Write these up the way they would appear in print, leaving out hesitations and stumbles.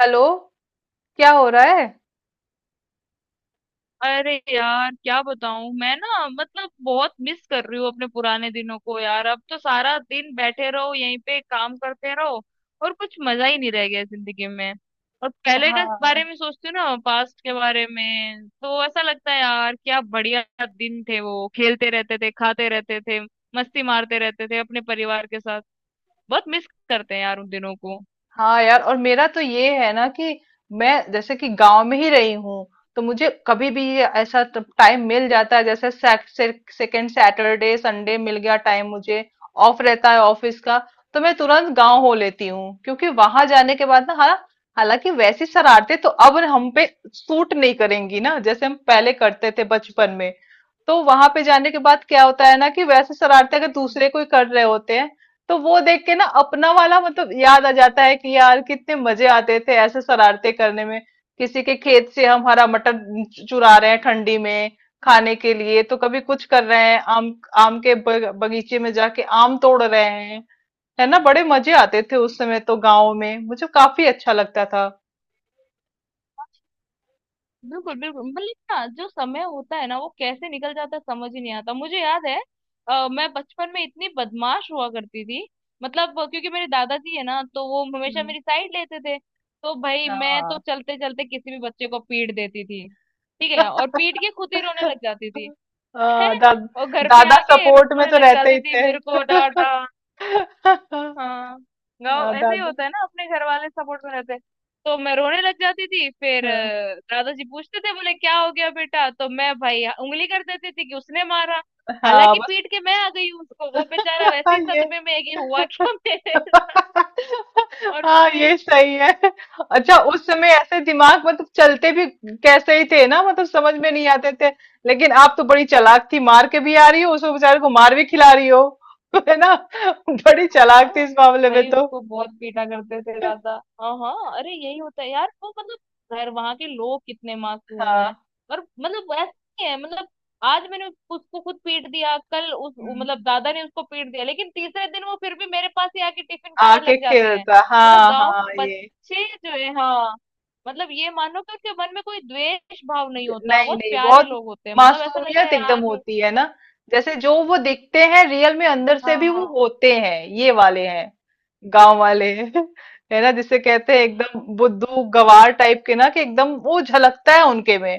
Hello. क्या हो रहा है? अरे यार क्या बताऊं मैं ना मतलब बहुत मिस कर रही हूँ अपने पुराने दिनों को यार। अब तो सारा दिन बैठे रहो यहीं पे काम करते रहो और कुछ मजा ही नहीं रह गया जिंदगी में। और पहले के बारे हाँ। में सोचती हूँ ना पास्ट के बारे में तो ऐसा लगता है यार क्या बढ़िया दिन थे। वो खेलते रहते थे खाते रहते थे मस्ती मारते रहते थे अपने परिवार के साथ। बहुत मिस करते हैं यार उन दिनों को। हाँ यार, और मेरा तो ये है ना कि मैं जैसे कि गांव में ही रही हूँ, तो मुझे कभी भी ये ऐसा टाइम मिल जाता है, जैसे सेकंड सैटरडे संडे मिल गया टाइम मुझे, ऑफ रहता है ऑफिस का, तो मैं तुरंत गांव हो लेती हूँ। क्योंकि वहां जाने के बाद ना, हाँ, हालांकि वैसी शरारतें तो अब हम पे सूट नहीं करेंगी ना, जैसे हम पहले करते थे बचपन में। तो वहां पे जाने के बाद क्या होता है ना कि वैसे शरारतें अगर दूसरे कोई कर रहे होते हैं, तो वो देख के ना अपना वाला याद आ जाता है कि यार कितने मजे आते थे ऐसे शरारते करने में। किसी के खेत से हम हरा मटर चुरा रहे हैं ठंडी में खाने के लिए। तो कभी कुछ कर रहे हैं आम, बगीचे में जाके आम तोड़ रहे हैं। है ना, बड़े मजे आते थे उस समय, तो गाँव में मुझे काफी अच्छा लगता था। बिल्कुल बिल्कुल मतलब ना जो समय होता है ना वो कैसे निकल जाता है समझ ही नहीं आता। मुझे याद है मैं बचपन में इतनी बदमाश हुआ करती थी। मतलब क्योंकि मेरे दादाजी है ना तो वो हमेशा हम्म। मेरी साइड लेते थे, तो भाई मैं तो हाँ। चलते चलते किसी भी बच्चे को पीट देती थी। ठीक है, और पीट के खुद ही रोने लग जाती थी। हाँ, दा, और घर पे दादा आके सपोर्ट में रोने तो लग रहते जाती ही थी थे। मेरे को डांटा। हाँ। हाँ, गाँव ऐसे ही दादा। होता है ना, अपने घर वाले सपोर्ट में रहते हैं। तो मैं रोने लग जाती थी फिर हाँ। दादाजी पूछते थे, बोले क्या हो गया बेटा, तो मैं भाई उंगली कर देती थी कि उसने मारा। हाँ हालांकि बस। पीट के मैं आ गई हूँ उसको, वो बेचारा वैसे ही ये सदमे में है कि हुआ क्या मेरे। और हाँ, फिर, ये सही है। अच्छा, उस समय ऐसे दिमाग चलते भी कैसे ही थे ना, समझ में नहीं आते थे। लेकिन आप तो बड़ी चालाक थी, मार के भी आ रही हो, उसको बेचारे को मार भी खिला रही हो। है ना, बड़ी हाँ चालाक थी हाँ। इस मामले में भाई तो। उसको बहुत पीटा करते थे दादा। हाँ हाँ, अरे यही होता है यार वो मतलब घर वहां के लोग कितने मासूम हैं। हाँ। और मतलब ऐसा नहीं है, मतलब आज मैंने उसको खुद पीट दिया कल उस हम्म। मतलब दादा ने उसको पीट दिया, लेकिन तीसरे दिन वो फिर भी मेरे पास ही आके टिफिन खाने आके लग जाते हैं। खेलता, मतलब हाँ गांव हाँ, के ये बच्चे जो है, हाँ, मतलब ये मानो कि उनके मन में कोई द्वेष भाव नहीं होता, नहीं बहुत नहीं, प्यारे बहुत लोग होते हैं, मतलब ऐसा लगता मासूमियत है एकदम यार। होती है ना, जैसे जो वो दिखते हैं रियल में, अंदर हाँ से भी वो हाँ होते हैं। ये वाले हैं गांव वाले। है ना, जिसे कहते हैं एकदम बुद्धू गवार टाइप के ना, कि एकदम वो झलकता है उनके में,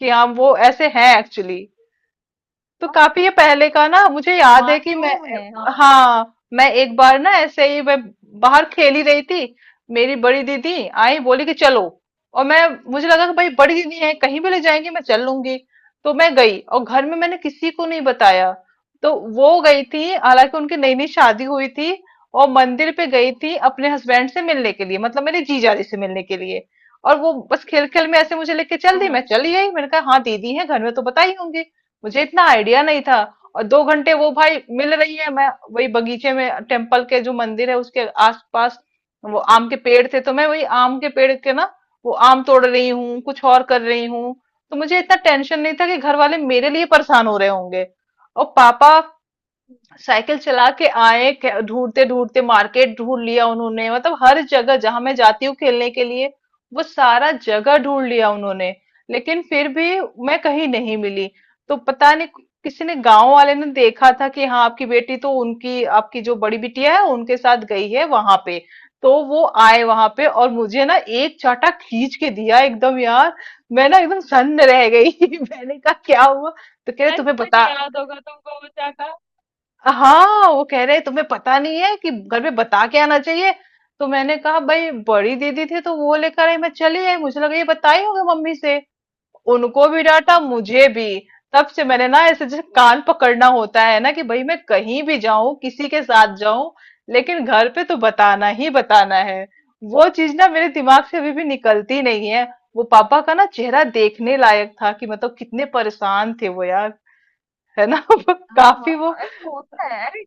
कि हाँ वो ऐसे हैं एक्चुअली। तो हाँ, काफी ये पहले का ना, मुझे याद है कि मैं, मासूम है, हाँ हाँ मैं एक बार ना ऐसे ही मैं बाहर खेल ही रही थी। मेरी बड़ी दीदी आई बोली कि चलो, और मैं मुझे लगा कि भाई बड़ी दीदी है, कहीं भी ले जाएंगी मैं चल लूंगी। तो मैं गई और घर में मैंने किसी को नहीं बताया। तो वो गई थी, हालांकि उनकी नई नई शादी हुई थी, और मंदिर पे गई थी अपने हस्बैंड से मिलने के लिए, मेरे जीजाजी से मिलने के लिए। और वो बस खेल खेल में ऐसे मुझे लेके चल हाँ दी, मैं हाँ। चली गई, मैंने कहा हाँ दीदी है घर में तो बताई होंगी। मुझे इतना आइडिया नहीं था। और 2 घंटे वो भाई मिल रही है, मैं वही बगीचे में टेम्पल के, जो मंदिर है उसके आसपास वो आम के पेड़ थे, तो मैं वही आम के पेड़ के ना, वो आम तोड़ रही हूँ, कुछ और कर रही हूँ। तो मुझे इतना टेंशन नहीं था कि घर वाले मेरे लिए परेशान हो रहे होंगे। और पापा साइकिल चला के आए, ढूंढते ढूंढते मार्केट ढूंढ लिया उन्होंने, हर जगह जहां मैं जाती हूँ खेलने के लिए, वो सारा जगह ढूंढ लिया उन्होंने, लेकिन फिर भी मैं कहीं नहीं मिली। तो पता नहीं, किसी ने गांव वाले ने देखा था कि हाँ आपकी बेटी तो उनकी, आपकी जो बड़ी बिटिया है उनके साथ गई है वहां पे। तो वो आए वहां पे और मुझे ना एक चाटा खींच के दिया एकदम, यार मैं ना एकदम सन्न रह गई। मैंने कहा क्या हुआ? तो कह रहे आज तुम्हें तक बता, याद होगा तुमको वो चाटा। हाँ वो कह रहे तुम्हें पता नहीं है कि घर में बता के आना चाहिए। तो मैंने कहा भाई बड़ी दीदी थी तो वो लेकर आई, मैं चली आई, मुझे लगा ये बताई होगी मम्मी से। उनको भी डांटा, मुझे भी। तब से मैंने ना ऐसे जैसे कान पकड़ना होता है ना, कि भाई मैं कहीं भी जाऊं, किसी के साथ जाऊं, लेकिन घर पे तो बताना ही बताना है। वो चीज ना मेरे दिमाग से अभी भी निकलती नहीं है। वो पापा का ना चेहरा देखने लायक था कि कितने परेशान थे वो, यार है ना। हाँ हाँ, काफी वो, अरे होता है अरे।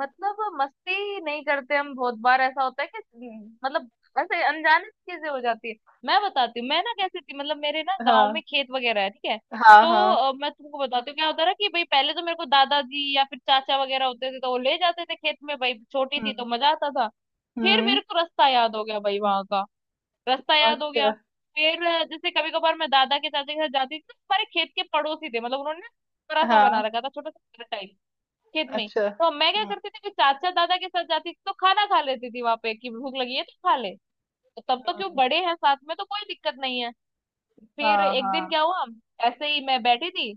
मतलब मस्ती नहीं करते, हम बहुत बार ऐसा होता है कि मतलब ऐसे अनजाने से चीजें हो जाती है। मैं बताती हूँ मैं ना कैसी थी, मतलब मेरे ना गांव हाँ में खेत वगैरह है, ठीक है। हाँ तो हाँ। मैं तुमको बताती हूँ क्या होता था कि भाई पहले तो मेरे को दादाजी या फिर चाचा वगैरह होते थे तो वो ले जाते थे खेत में, भाई छोटी थी तो हम्म। मजा आता था। फिर हम्म। मेरे को रास्ता याद हो गया भाई वहां का, रास्ता याद हो गया। अच्छा। फिर जैसे कभी कभार मैं दादा के चाचा के साथ जाती थी तो हमारे खेत के पड़ोसी थे, मतलब उन्होंने ना थोड़ा सा बना हाँ। रखा था, छोटा सा घर टाइप खेत में ही। अच्छा। तो मैं क्या हम्म। करती थी कि चाचा दादा के साथ जाती थी तो खाना खा लेती थी वहां पे कि भूख लगी है तो खा ले। तो तब तो क्यों, हम्म, बड़े हैं साथ में तो कोई दिक्कत नहीं है। फिर हाँ एक दिन हाँ। क्या हुआ, ऐसे ही मैं बैठी थी।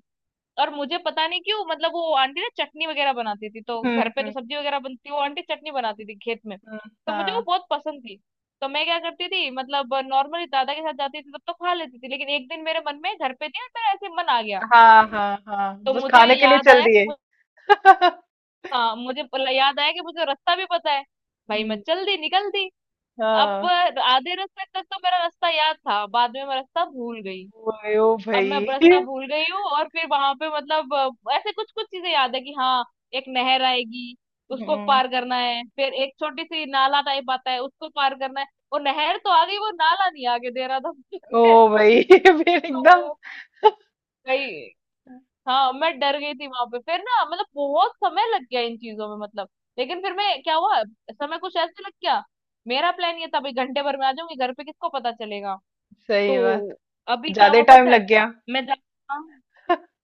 और मुझे पता नहीं क्यों मतलब वो आंटी ना चटनी वगैरह बनाती थी, तो हम्म। घर पे तो हम्म। सब्जी वगैरह बनती, वो आंटी चटनी बनाती थी खेत में। हम्म, तो मुझे वो हाँ बहुत पसंद थी। तो मैं क्या करती थी, मतलब नॉर्मली दादा के साथ जाती थी तब तो खा लेती थी, लेकिन एक दिन मेरे मन में, घर पे थी और मेरा ऐसे मन आ गया। हाँ हाँ हाँ, तो बस मुझे खाने के लिए याद चल आया कि दिए। मुझे, हाँ, मुझे याद आया कि मुझे रास्ता भी पता है, भाई मैं हम्म। चल दी, निकल दी। अब हाँ। आधे रास्ते तक तो मेरा रास्ता याद था, बाद में मैं रास्ता भूल गई। ओए ओ अब मैं रास्ता भाई। भूल गई हूँ, और फिर वहां पे मतलब ऐसे कुछ कुछ चीजें याद है कि हाँ एक नहर आएगी, उसको हम्म। पार करना है, फिर एक छोटी सी नाला टाइप आता है, उसको पार करना है। वो नहर तो आ गई, वो नाला नहीं आगे दे रहा था ओ मुझे। भाई फिर एकदम। तो भाई, हाँ मैं डर गई थी वहां पे फिर ना, मतलब बहुत समय लग गया इन चीजों में, मतलब लेकिन फिर मैं, क्या हुआ, समय कुछ ऐसे लग गया। मेरा प्लान ये था भाई घंटे भर में आ जाऊंगी घर पे, किसको पता चलेगा। सही तो बात, अभी क्या ज्यादा हुआ टाइम पता है, लग गया। मैं जा,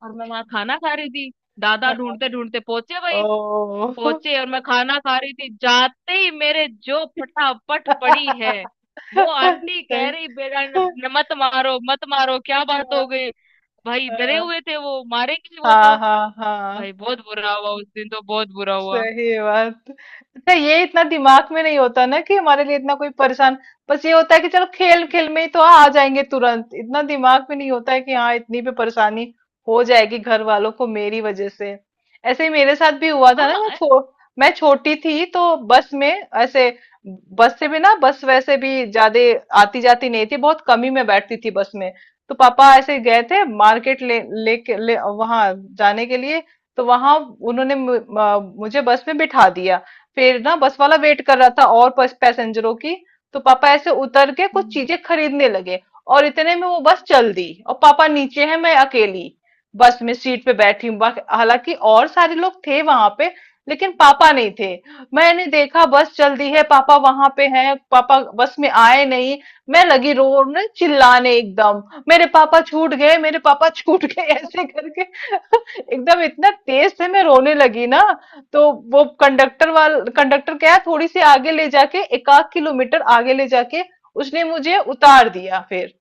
और मैं वहां खाना खा रही थी, दादा ढूंढते ढूंढते पहुंचे भाई। ओ। पहुंचे और मैं खाना खा रही थी, जाते ही मेरे जो फटाफट पड़ी है। वो आंटी कह सही। रही बेटा न, न, मत मारो मत मारो, क्या बात हो गई। भाई डरे हुए थे, वो मारेंगे वो हाँ तो। हाँ हाँ भाई हाँ। बहुत बुरा हुआ उस दिन तो, बहुत बुरा हुआ। सही बात। अच्छा, ये इतना दिमाग में नहीं होता ना कि हमारे लिए इतना कोई परेशान, बस ये होता है कि चलो खेल खेल में ही तो आ जाएंगे, तुरंत इतना दिमाग में नहीं होता है कि हाँ इतनी भी परेशानी हो जाएगी घर वालों को मेरी वजह से। ऐसे ही मेरे साथ भी हुआ था ना, हाँ मैं छोटी थी, तो बस में ऐसे, बस से भी ना, बस वैसे भी ज्यादा आती जाती नहीं थी, बहुत कम ही मैं बैठती थी बस में। तो पापा ऐसे गए थे मार्केट वहां जाने के लिए। तो वहां उन्होंने मुझे बस में बिठा दिया। फिर ना बस वाला वेट कर रहा था, और बस पैसेंजरों की, तो पापा ऐसे उतर के कुछ हम्म, चीजें खरीदने लगे। और इतने में वो बस चल दी, और पापा नीचे हैं, मैं अकेली बस में सीट पे बैठी हूँ, हालांकि और सारे लोग थे वहां पे, लेकिन पापा नहीं थे। मैंने देखा बस चल दी है, पापा वहां पे हैं, पापा बस में आए नहीं। मैं लगी रोने चिल्लाने एकदम, मेरे पापा छूट गए, मेरे पापा छूट गए ऐसे करके। एकदम इतना तेज से मैं रोने लगी ना, तो वो कंडक्टर वाल कंडक्टर क्या है, थोड़ी सी आगे ले जाके, 1 आध किलोमीटर आगे ले जाके उसने मुझे उतार दिया। फिर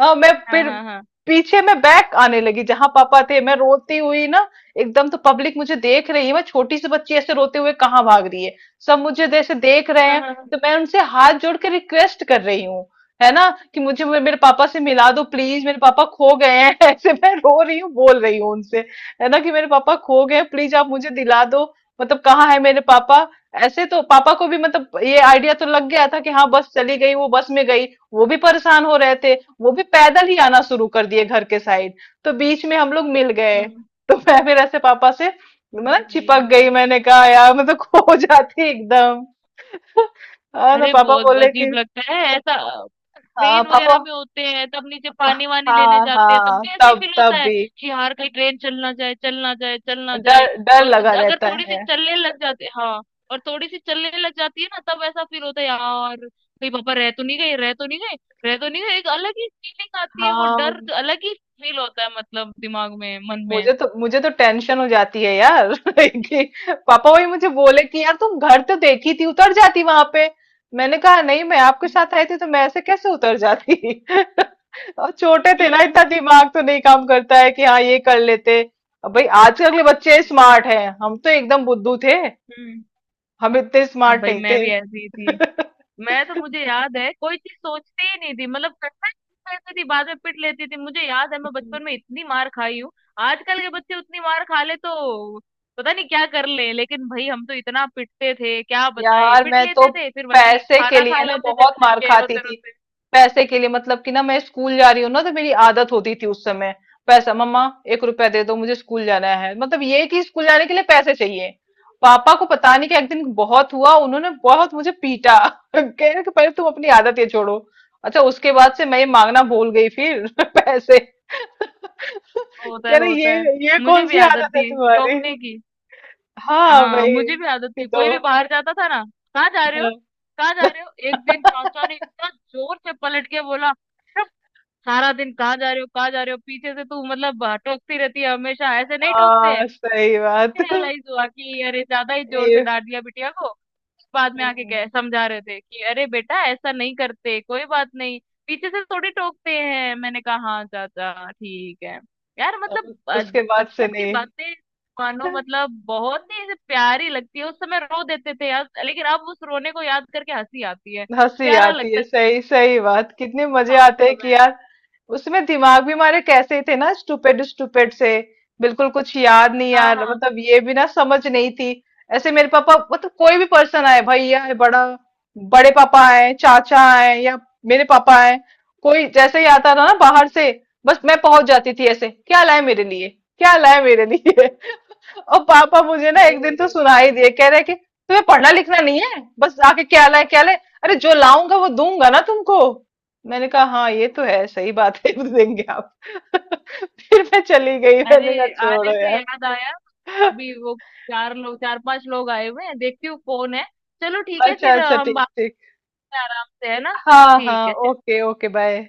हाँ मैं हाँ फिर हाँ हाँ पीछे में बैक आने लगी जहां पापा थे, मैं रोती हुई ना एकदम। तो पब्लिक मुझे देख रही है, मैं छोटी सी बच्ची ऐसे रोते हुए कहाँ भाग रही है, सब मुझे जैसे देख रहे हाँ हैं। हाँ तो मैं उनसे हाथ जोड़ के रिक्वेस्ट कर रही हूँ, है ना, कि मुझे मेरे पापा से मिला दो प्लीज, मेरे पापा खो गए हैं, ऐसे मैं रो रही हूँ, बोल रही हूँ उनसे, है ना, कि मेरे पापा खो गए, प्लीज आप मुझे दिला दो, मतलब कहाँ है मेरे पापा ऐसे। तो पापा को भी ये आइडिया तो लग गया था कि हाँ बस चली गई, वो बस में गई, वो भी परेशान हो रहे थे, वो भी पैदल ही आना शुरू कर दिए घर के साइड। तो बीच में हम लोग मिल गए। हाँ, तो मैं फिर ऐसे पापा से भाई। चिपक गई, मैंने कहा यार मैं तो खो जाती एकदम। हाँ तो अरे पापा बहुत बोले अजीब कि, लगता है ऐसा। हाँ ट्रेन पापा। वगैरह में होते हैं तब नीचे पानी वानी लेने हाँ जाते हैं तब हाँ, भी ऐसे ही तब फील होता तब है भी कि यार कहीं ट्रेन चलना जाए चलना जाए चलना जाए। डर, डर और लगा अगर रहता थोड़ी सी है। चलने लग जाते, हाँ, और थोड़ी सी चलने लग जाती है ना तब ऐसा फील होता है यार। कहीं पापा रह तो नहीं गए रह तो नहीं गए रह तो नहीं गए, एक अलग ही फीलिंग आती है, वो हाँ, डर अलग ही फील होता है मतलब दिमाग में, मन में। मुझे तो, मुझे तो टेंशन हो जाती है यार। कि पापा वही मुझे बोले कि यार तुम घर तो देखी थी, उतर जाती वहां पे। मैंने कहा नहीं, मैं आपके हम्म साथ आई थी तो मैं ऐसे कैसे उतर जाती। और छोटे थे हम्म ना, इतना हम्म, दिमाग तो नहीं काम करता है कि हाँ ये कर लेते। अब भाई आजकल के बच्चे स्मार्ट हैं, हम तो एकदम बुद्धू थे, हम्म। हम इतने अब स्मार्ट भाई नहीं मैं थे। भी ऐसी ही थी। मैं तो, मुझे याद है कोई चीज सोचती ही नहीं थी, मतलब करता ही रहती थी, बाद में पिट लेती थी। मुझे याद है मैं बचपन में इतनी मार खाई हूँ। आजकल के बच्चे उतनी मार खा ले तो पता नहीं क्या कर ले, लेकिन भाई हम तो इतना पिटते थे क्या बताएं, यार पिट मैं तो लेते थे फिर वही पैसे के खाना खा लिए ना लेते थे बहुत बैठ मार के खाती रोते थी, रोते। पैसे के लिए मतलब कि ना मैं स्कूल जा रही हूँ ना, तो मेरी आदत होती थी उस समय, पैसा मम्मा 1 रुपया दे दो, मुझे स्कूल जाना है, मतलब ये कि स्कूल जाने के लिए पैसे चाहिए। पापा को पता नहीं कि एक दिन बहुत हुआ, उन्होंने बहुत मुझे पीटा। कह रहे कि पहले तुम अपनी आदत ये छोड़ो। अच्छा, उसके बाद से मैं ये मांगना भूल गई फिर पैसे। होता कह है रहे होता है। ये मुझे कौन भी सी आदत आदत है थी तुम्हारी। चौंकने की। हाँ हाँ, भाई। मुझे भी आदत कि थी, दो, कोई भी बाहर जाता था ना, कहाँ जा रहे हाँ। हो, कहाँ जा रहे हो। एक दिन चाचा ने इतना जोर से पलट के बोला, सारा दिन कहाँ जा रहे हो कहाँ जा रहे हो, पीछे से तू मतलब टोकती रहती है हमेशा, ऐसे नहीं टोकते हैं। हाँ सही बात। फिर रियलाइज हुआ कि अरे ज्यादा ही जोर से ये डांट दिया बिटिया को। बाद में आके कह हम्म, समझा रहे थे कि अरे बेटा ऐसा नहीं करते, कोई बात नहीं, पीछे से थोड़ी टोकते हैं। मैंने कहा हाँ चाचा ठीक है। यार अब मतलब उसके बाद से बचपन की नहीं। बातें मानो मतलब बहुत ही ऐसे प्यारी लगती है, उस समय रो देते थे यार, लेकिन अब उस रोने को याद करके हंसी आती है। हंसी प्यारा आती लगता है, है सही, सही बात, कितने मजे था उस आते हैं कि समय। यार, उसमें दिमाग भी हमारे कैसे थे ना, स्टूपिड स्टूपिड से, बिल्कुल कुछ याद नहीं हाँ यार, हाँ, ये भी ना समझ नहीं थी। ऐसे मेरे पापा, कोई भी पर्सन आए, भैया है बड़ा, बड़े पापा आए, चाचा आए, या मेरे पापा आए, कोई जैसे ही आता था ना बाहर से, बस मैं पहुंच जाती थी ऐसे, क्या लाए मेरे लिए, क्या लाए मेरे लिए। और पापा मुझे ना अरे, एक दिन तो अरे, सुना ही दिए, कह रहे कि तुम्हें पढ़ना लिखना नहीं है, बस आके क्या लाए क्या लाए, अरे जो लाऊंगा वो दूंगा ना तुमको। मैंने कहा हाँ ये तो है, सही बात है। देंगे आप। फिर मैं चली गई, अरे मैंने कहा आने छोड़ो से यार। याद आया, अभी वो चार लोग चार पांच लोग आए हुए हैं, देखती हूँ कौन है। चलो ठीक है, अच्छा फिर अच्छा, हम ठीक बात ठीक। में आराम से, है ना। हाँ ठीक हाँ, है। Okay okay, bye.